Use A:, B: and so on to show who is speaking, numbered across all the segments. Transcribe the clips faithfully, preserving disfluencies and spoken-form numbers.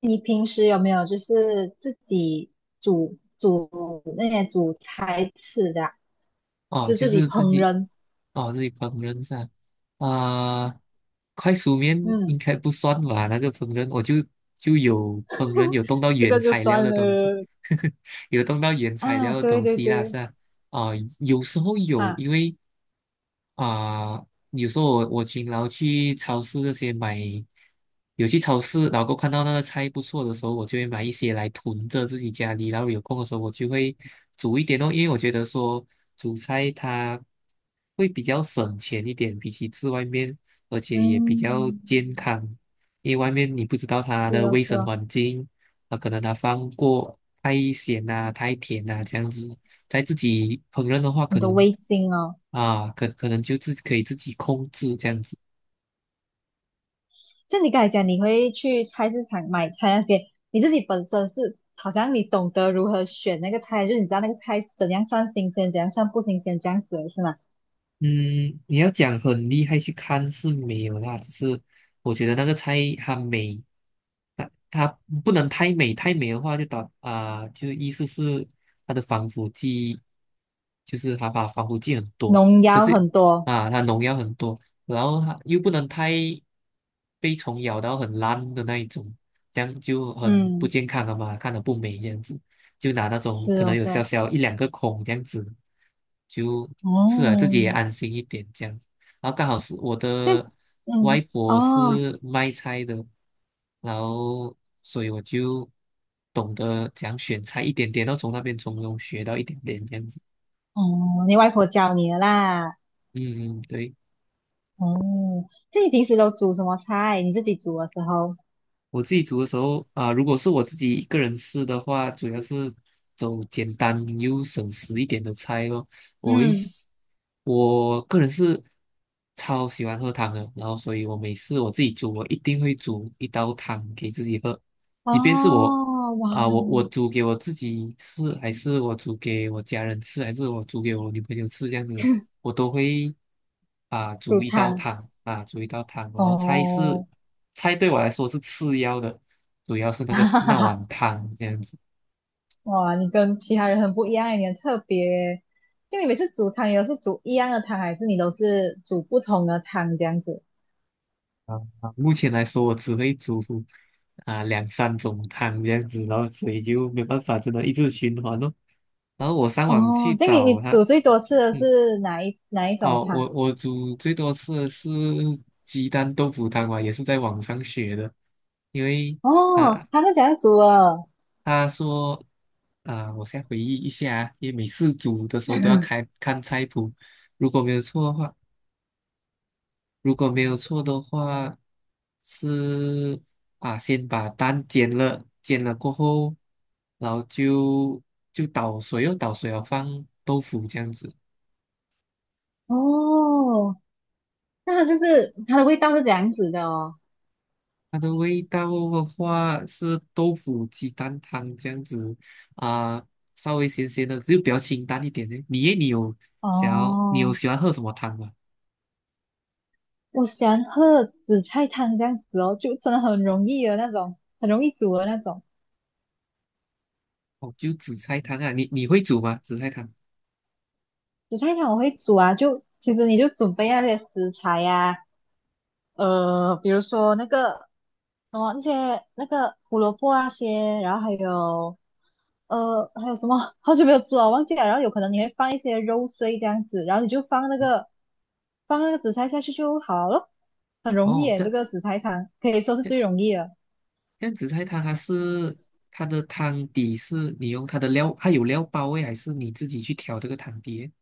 A: 你平时有没有就是自己煮煮那些煮菜吃的啊
B: 哦，
A: 就
B: 就
A: 自己
B: 是自
A: 烹
B: 己
A: 饪？
B: 哦自己烹饪噻，啊、快熟面应
A: 嗯，
B: 该不算吧？那个烹饪我就就有烹饪有动到
A: 这
B: 原
A: 个就
B: 材料
A: 算
B: 的东西，
A: 了。
B: 有动到原材
A: 啊，
B: 料的
A: 对
B: 东
A: 对
B: 西啦，是
A: 对，
B: 啊，啊、有时候有因为。啊、有时候我我勤劳去超市这些买，有去超市，然后过后看到那个菜不错的时候，我就会买一些来囤着自己家里，然后有空的时候我就会煮一点哦，因为我觉得说煮菜它会比较省钱一点，比起吃外面，而且也比较
A: 嗯，
B: 健康，因为外面你不知道它
A: 是
B: 的
A: 哦
B: 卫
A: 是
B: 生
A: 哦，
B: 环境，啊，可能它放过太咸啊、太甜啊这样子，在自己烹饪的话，
A: 你
B: 可
A: 的
B: 能
A: 味精哦。
B: 啊，可可能就自可以自己控制这样子。
A: 像你刚才讲，你会去菜市场买菜那些，你自己本身是好像你懂得如何选那个菜，就是你知道那个菜是怎样算新鲜，怎样算不新鲜，这样子的是吗？
B: 嗯，你要讲很厉害去看是没有啦，只是我觉得那个菜它美，它它不能太美，太美的话就导啊、就意思是它的防腐剂，就是它把防腐剂很多，
A: 农
B: 可
A: 药
B: 是
A: 很多，
B: 啊，它农药很多，然后它又不能太被虫咬到很烂的那一种，这样就很不
A: 嗯，
B: 健康了嘛，看着不美这样子，就拿那种
A: 是
B: 可能
A: 哦
B: 有
A: 是
B: 小
A: 哦，
B: 小一两个孔这样子，就是啊，自
A: 哦，
B: 己也安心一点这样。然后刚好是我
A: 这样
B: 的外
A: 嗯，
B: 婆
A: 哦，
B: 是卖菜的，然后所以我就懂得讲选菜一点点，然后从那边从中学到一点点这样子。
A: 哦，你外婆教你的啦。
B: 嗯，嗯对。
A: 哦，这你平时都煮什么菜？你自己煮的时候？
B: 我自己煮的时候啊、如果是我自己一个人吃的话，主要是走简单又省时一点的菜咯。我会
A: 嗯，
B: 喜我个人是超喜欢喝汤的，然后所以我每次我自己煮，我一定会煮一道汤给自己喝，即便是我
A: 哦，哇，
B: 啊、我我煮给我自己吃，还是我煮给我家人吃，还是我煮给我女朋友吃，这样子我都会啊
A: 煮
B: 煮一道
A: 汤。
B: 汤啊煮一道汤，然后菜是
A: 哦，
B: 菜对我来说是次要的，主要是 那
A: 哈
B: 个
A: 哈
B: 那
A: 哈，
B: 碗汤这样子。
A: 哇，你跟其他人很不一样，你很特别。就你每次煮汤，也都是煮一样的汤，还是你都是煮不同的汤这样子？
B: 啊。目前来说，我只会煮啊两三种汤这样子，然后所以就没办法，真的一直循环咯。然后我上网
A: 哦，
B: 去
A: 这样你你
B: 找它，
A: 煮最多次的
B: 嗯，
A: 是哪一哪一种
B: 哦，
A: 汤？
B: 我我煮最多吃的是鸡蛋豆腐汤嘛，也是在网上学的，因为。啊，
A: 哦，它是怎样煮的？
B: 他说啊、我先回忆一下，因为每次煮的时候都要 看看菜谱，如果没有错的话，如果没有错的话是啊，先把蛋煎了，煎了过后，然后就就倒水哦，倒水哦，放豆腐这样子。
A: 哦，那它就是它的味道是这样子的哦。
B: 它的味道的话是豆腐鸡蛋汤这样子，啊、稍微咸咸的，就比较清淡一点的。你耶你有想要，你有
A: 哦，
B: 喜欢喝什么汤吗？
A: 我喜欢喝紫菜汤这样子哦，就真的很容易的那种，很容易煮的那种
B: 哦，就紫菜汤啊，你你会煮吗？紫菜汤？
A: 紫菜汤。我会煮啊，就其实你就准备那些食材呀、啊呃，比如说那个什么那些那个胡萝卜啊些，然后还有呃还有什么，好久没有做了，忘记了。然后有可能你会放一些肉碎这样子，然后你就放那个放那个紫菜下去就好了，很容易
B: 哦，
A: 耶，这
B: 这
A: 个紫菜汤可以说是
B: 这
A: 最容易了。
B: 这样紫菜汤它是它的汤底是你用它的料，它有料包味，还是你自己去调这个汤底诶？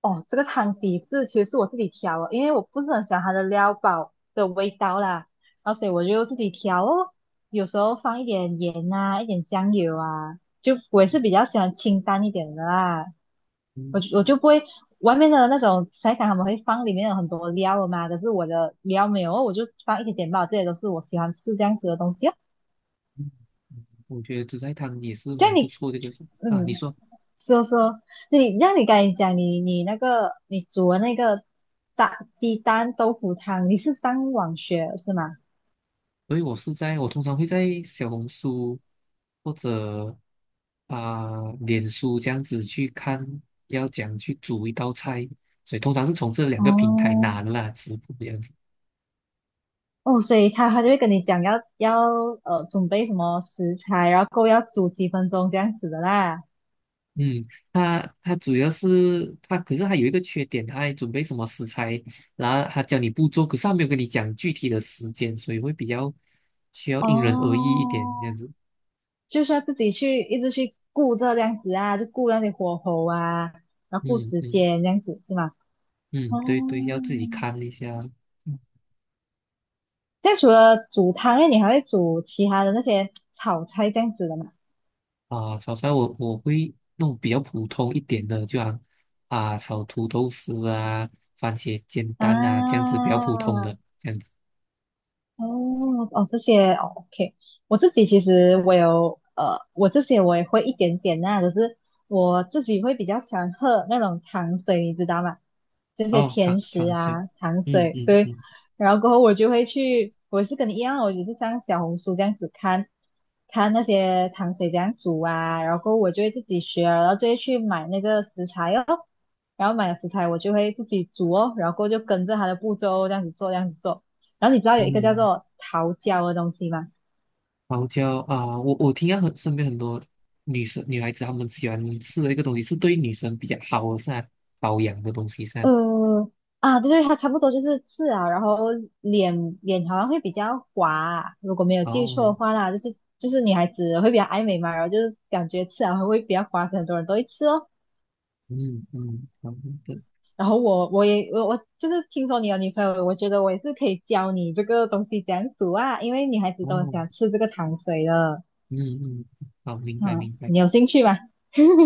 A: 哦，这个汤底是其实是我自己调的，因为我不是很喜欢它的料包的味道啦，然后所以我就自己调哦，有时候放一点盐啊，一点酱油啊，就我也是比较喜欢清淡一点的啦，我
B: 嗯，
A: 就我就不会外面的那种菜汤他们会放里面有很多料的嘛，可是我的料没有哦，我就放一点点吧，这些都是我喜欢吃这样子的东西哦。
B: 我觉得紫菜汤也是
A: 这
B: 蛮
A: 样
B: 不
A: 你，
B: 错的一个。啊。你
A: 嗯，
B: 说，
A: 说说你，让你刚才讲你你那个你煮的那个大鸡蛋豆腐汤，你是上网学是吗？
B: 所以我是在我通常会在小红书或者啊、脸书这样子去看要怎样去煮一道菜，所以通常是从这两个平台
A: 哦
B: 拿的啦，食谱这样子。
A: 哦，所以他他就会跟你讲要要呃准备什么食材，然后够要煮几分钟这样子的啦。
B: 嗯，他他主要是他，可是他有一个缺点，他还准备什么食材，然后他教你步骤，可是他没有跟你讲具体的时间，所以会比较需要因人而异一点
A: 哦，
B: 这样子。
A: 就是要自己去一直去顾这样子啊，就顾那些火候啊，然后顾
B: 嗯
A: 时
B: 嗯
A: 间这样子是吗？哦，
B: 嗯，对对，要自己看一下。嗯。
A: 这样除了煮汤，哎，你还会煮其他的那些炒菜这样子的吗？
B: 啊，炒菜我我会弄比较普通一点的，就像啊炒土豆丝啊、番茄煎蛋啊这样子比较普通的
A: 啊，
B: 这样子。
A: 哦哦，这些哦，OK，我自己其实我有呃，我这些我也会一点点啦、可是我自己会比较喜欢喝那种糖水，你知道吗？就是
B: 哦，
A: 甜
B: 汤
A: 食
B: 汤水，
A: 啊，糖
B: 嗯
A: 水，
B: 嗯
A: 对。
B: 嗯
A: 然后过后我就会去，我也是跟你一样哦，我也是像小红书这样子看，看那些糖水这样煮啊，然后过后我就会自己学了然后就会去买那个食材哦，然后买了食材我就会自己煮哦，然后过后就跟着它的步骤哦这样子做，这样子做。然后你知道有一个叫
B: 嗯。
A: 做桃胶的东西吗？
B: 桃胶啊，我我听到很身边很多女生女孩子，她们喜欢吃的一个东西是对女生比较好的噻，保养的东西噻。
A: 呃，啊，对对，它差不多就是刺啊，然后脸脸好像会比较滑，如果没有记错
B: 哦，
A: 的话啦，就是就是女孩子会比较爱美嘛，然后就是感觉刺啊会比较滑，所以很多人都会吃哦。
B: 嗯嗯，好的。
A: 然后我我也我我就是听说你有女朋友，我觉得我也是可以教你这个东西怎样煮啊，因为女孩子都很
B: 哦，
A: 喜欢吃这个糖水的。
B: 嗯嗯，好，明白
A: 嗯，
B: 明白。
A: 你有兴趣吗？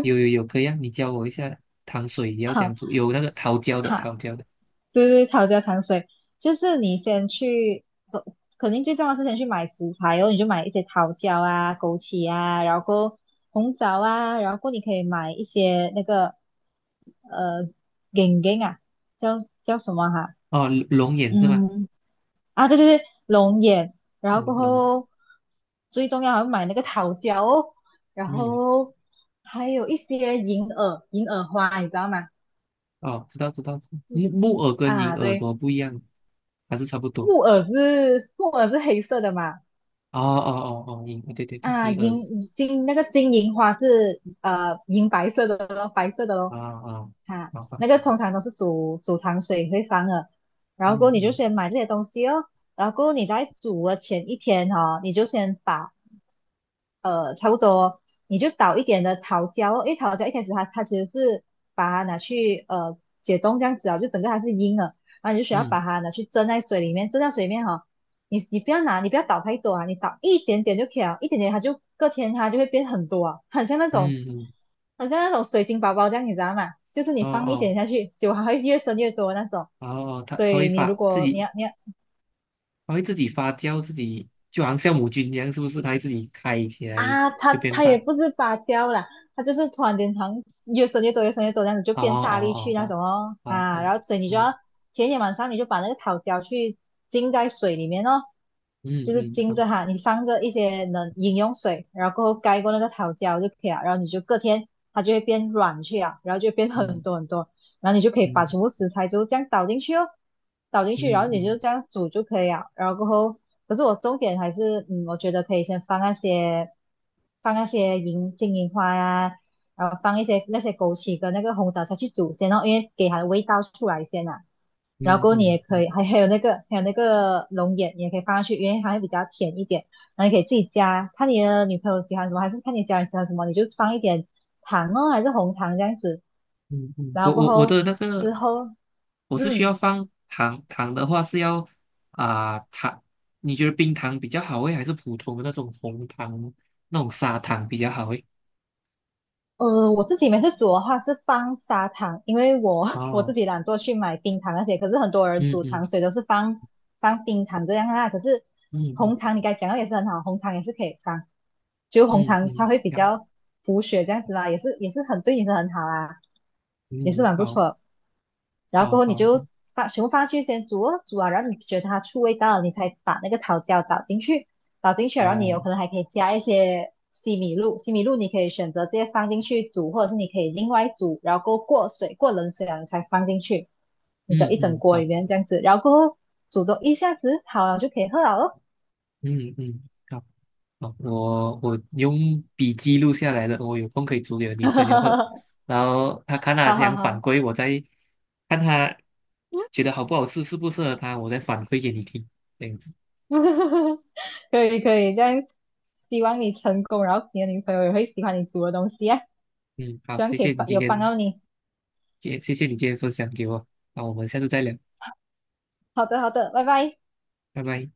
B: 有有有，可以啊，你教我一下糖水要怎
A: 好。
B: 样做，有那个桃胶的
A: 好，
B: 桃胶的。
A: 对对，桃胶糖水，就是你先去，走，肯定最重要是先去买食材哦，你就买一些桃胶啊、枸杞啊，然后过后红枣啊，然后过后你可以买一些那个呃眼睛啊，叫叫什么哈、
B: 哦，龙眼是吗？
A: 嗯啊，对对对，龙眼，然后过
B: 哦，龙，
A: 后最重要还要买那个桃胶哦，然
B: 嗯，
A: 后还有一些银耳、银耳花，你知道吗？
B: 哦，知道知道。木木耳跟银
A: 啊，
B: 耳什
A: 对，
B: 么不一样？还是差不多？
A: 木耳是木耳是黑色的嘛？
B: 哦哦哦哦，银，对对对，
A: 啊，
B: 银耳。
A: 银金那个金银花是呃银白色的咯，白色的
B: 啊。
A: 咯。
B: 啊，
A: 哈、
B: 麻烦。
A: 那个通常都是煮煮糖水会放的。然后
B: 嗯
A: 过后你就
B: 嗯
A: 先买这些东西哦，然后过后你在煮的前一天哦，你就先把呃，差不多，你就倒一点的桃胶哦，因为桃胶一开始它它其实是把它拿去呃解冻这样子啊，就整个它是硬的，然后你就需要把
B: 嗯
A: 它拿去蒸在水里面，蒸在水里面哈、哦你你不要拿，你不要倒太多啊，你倒一点点就可以了，一点点它就隔天它就会变很多啊，很像那种
B: 嗯嗯。
A: 很像那种水晶宝宝这样，你知道吗？就是你
B: 哦
A: 放一
B: 哦
A: 点下去，结还会越生越多那种。
B: 哦哦，它
A: 所
B: 它会
A: 以你如
B: 发自
A: 果你
B: 己，
A: 要你要。
B: 它会自己发酵，自己就好像酵母菌一样，是不是？它会自己开起来
A: 啊，它
B: 就变
A: 它也
B: 大。
A: 不是芭蕉啦，它就是突然间好像越生越多，越生越多，这样子就
B: 哦
A: 变大力
B: 哦
A: 去
B: 哦，
A: 那
B: 好，
A: 种哦
B: 好
A: 啊，
B: 好。
A: 然后所以你就
B: 嗯
A: 要前一天晚上你就把那个桃胶去浸在水里面哦，
B: 嗯
A: 就是
B: 嗯，
A: 浸
B: 好。
A: 着哈，你放着一些冷饮用水，然后过后盖过那个桃胶就可以了，然后你就隔天它就会变软去啊，然后就变很
B: 嗯
A: 多很多然后你就可以把
B: 嗯
A: 全部食材就这样倒进去哦，倒进去，然
B: 嗯
A: 后你就
B: 嗯
A: 这样煮就可以了。然后过后，可是我重点还是，嗯，我觉得可以先放那些放那些银金银花呀、然后放一些那些枸杞跟那个红枣下去煮先哦，因为给它的味道出来先啊。然后
B: 嗯
A: 过后你也
B: 嗯，
A: 可
B: 好。
A: 以，还还有那个还有那个龙眼，你也可以放上去，因为它会比较甜一点。然后你可以自己加，看你的女朋友喜欢什么，还是看你家人喜欢什么，你就放一点糖哦，还是红糖这样子。
B: 嗯嗯，
A: 然
B: 我
A: 后过
B: 我我
A: 后
B: 的那
A: 之
B: 个
A: 后，
B: 我是需要
A: 嗯
B: 放糖，糖的话是要啊、糖，你觉得冰糖比较好诶，还是普通的那种红糖那种砂糖比较好诶？
A: 呃，我自己每次煮的话是放砂糖，因为我 我自
B: 哦。
A: 己懒惰去买冰糖那些，可是很多人
B: 嗯
A: 煮
B: 嗯
A: 糖水都是放放冰糖这样啊。可是
B: 嗯嗯
A: 红糖你刚才讲到也是很好，红糖也是可以放，就红
B: 嗯
A: 糖
B: 嗯，
A: 它会比
B: 好。
A: 较补血这样子啦，也是也是很对你是很好啊，也是
B: 嗯，
A: 蛮不
B: 好，
A: 错的然后
B: 好，
A: 过后你
B: 好。好，
A: 就把全部放去先煮哦，煮啊，然后你觉得它出味道了，你才把那个桃胶倒进去，倒进去了，然后你有
B: 好。
A: 可能还可以加一些西米露，西米露你可以选择直接放进去煮，或者是你可以另外煮，然后过后过水，过冷水了你才放进去你的
B: 嗯
A: 一整
B: 嗯，
A: 锅
B: 好。
A: 里面这样子，然后过后煮多一下子好了就可以喝了
B: 嗯嗯，好，好，我我用笔记录下来了，我有空可以煮给我女
A: 哈
B: 朋友
A: 哈
B: 喝，
A: 哈，
B: 然后她看 她
A: 哈
B: 这
A: 哈
B: 样反
A: 哈，
B: 馈，我再看她觉得好不好吃，适不适合她，我再反馈给你听，这样子。
A: 可以可以，这样希望你成功，然后你的女朋友也会喜欢你煮的东西啊，希
B: 嗯，好，
A: 望
B: 谢
A: 可以
B: 谢你
A: 帮
B: 今
A: 有帮
B: 天，
A: 到你。
B: 谢谢谢你今天分享给我，那我们下次再聊，
A: 好的，好的，拜拜。
B: 拜拜。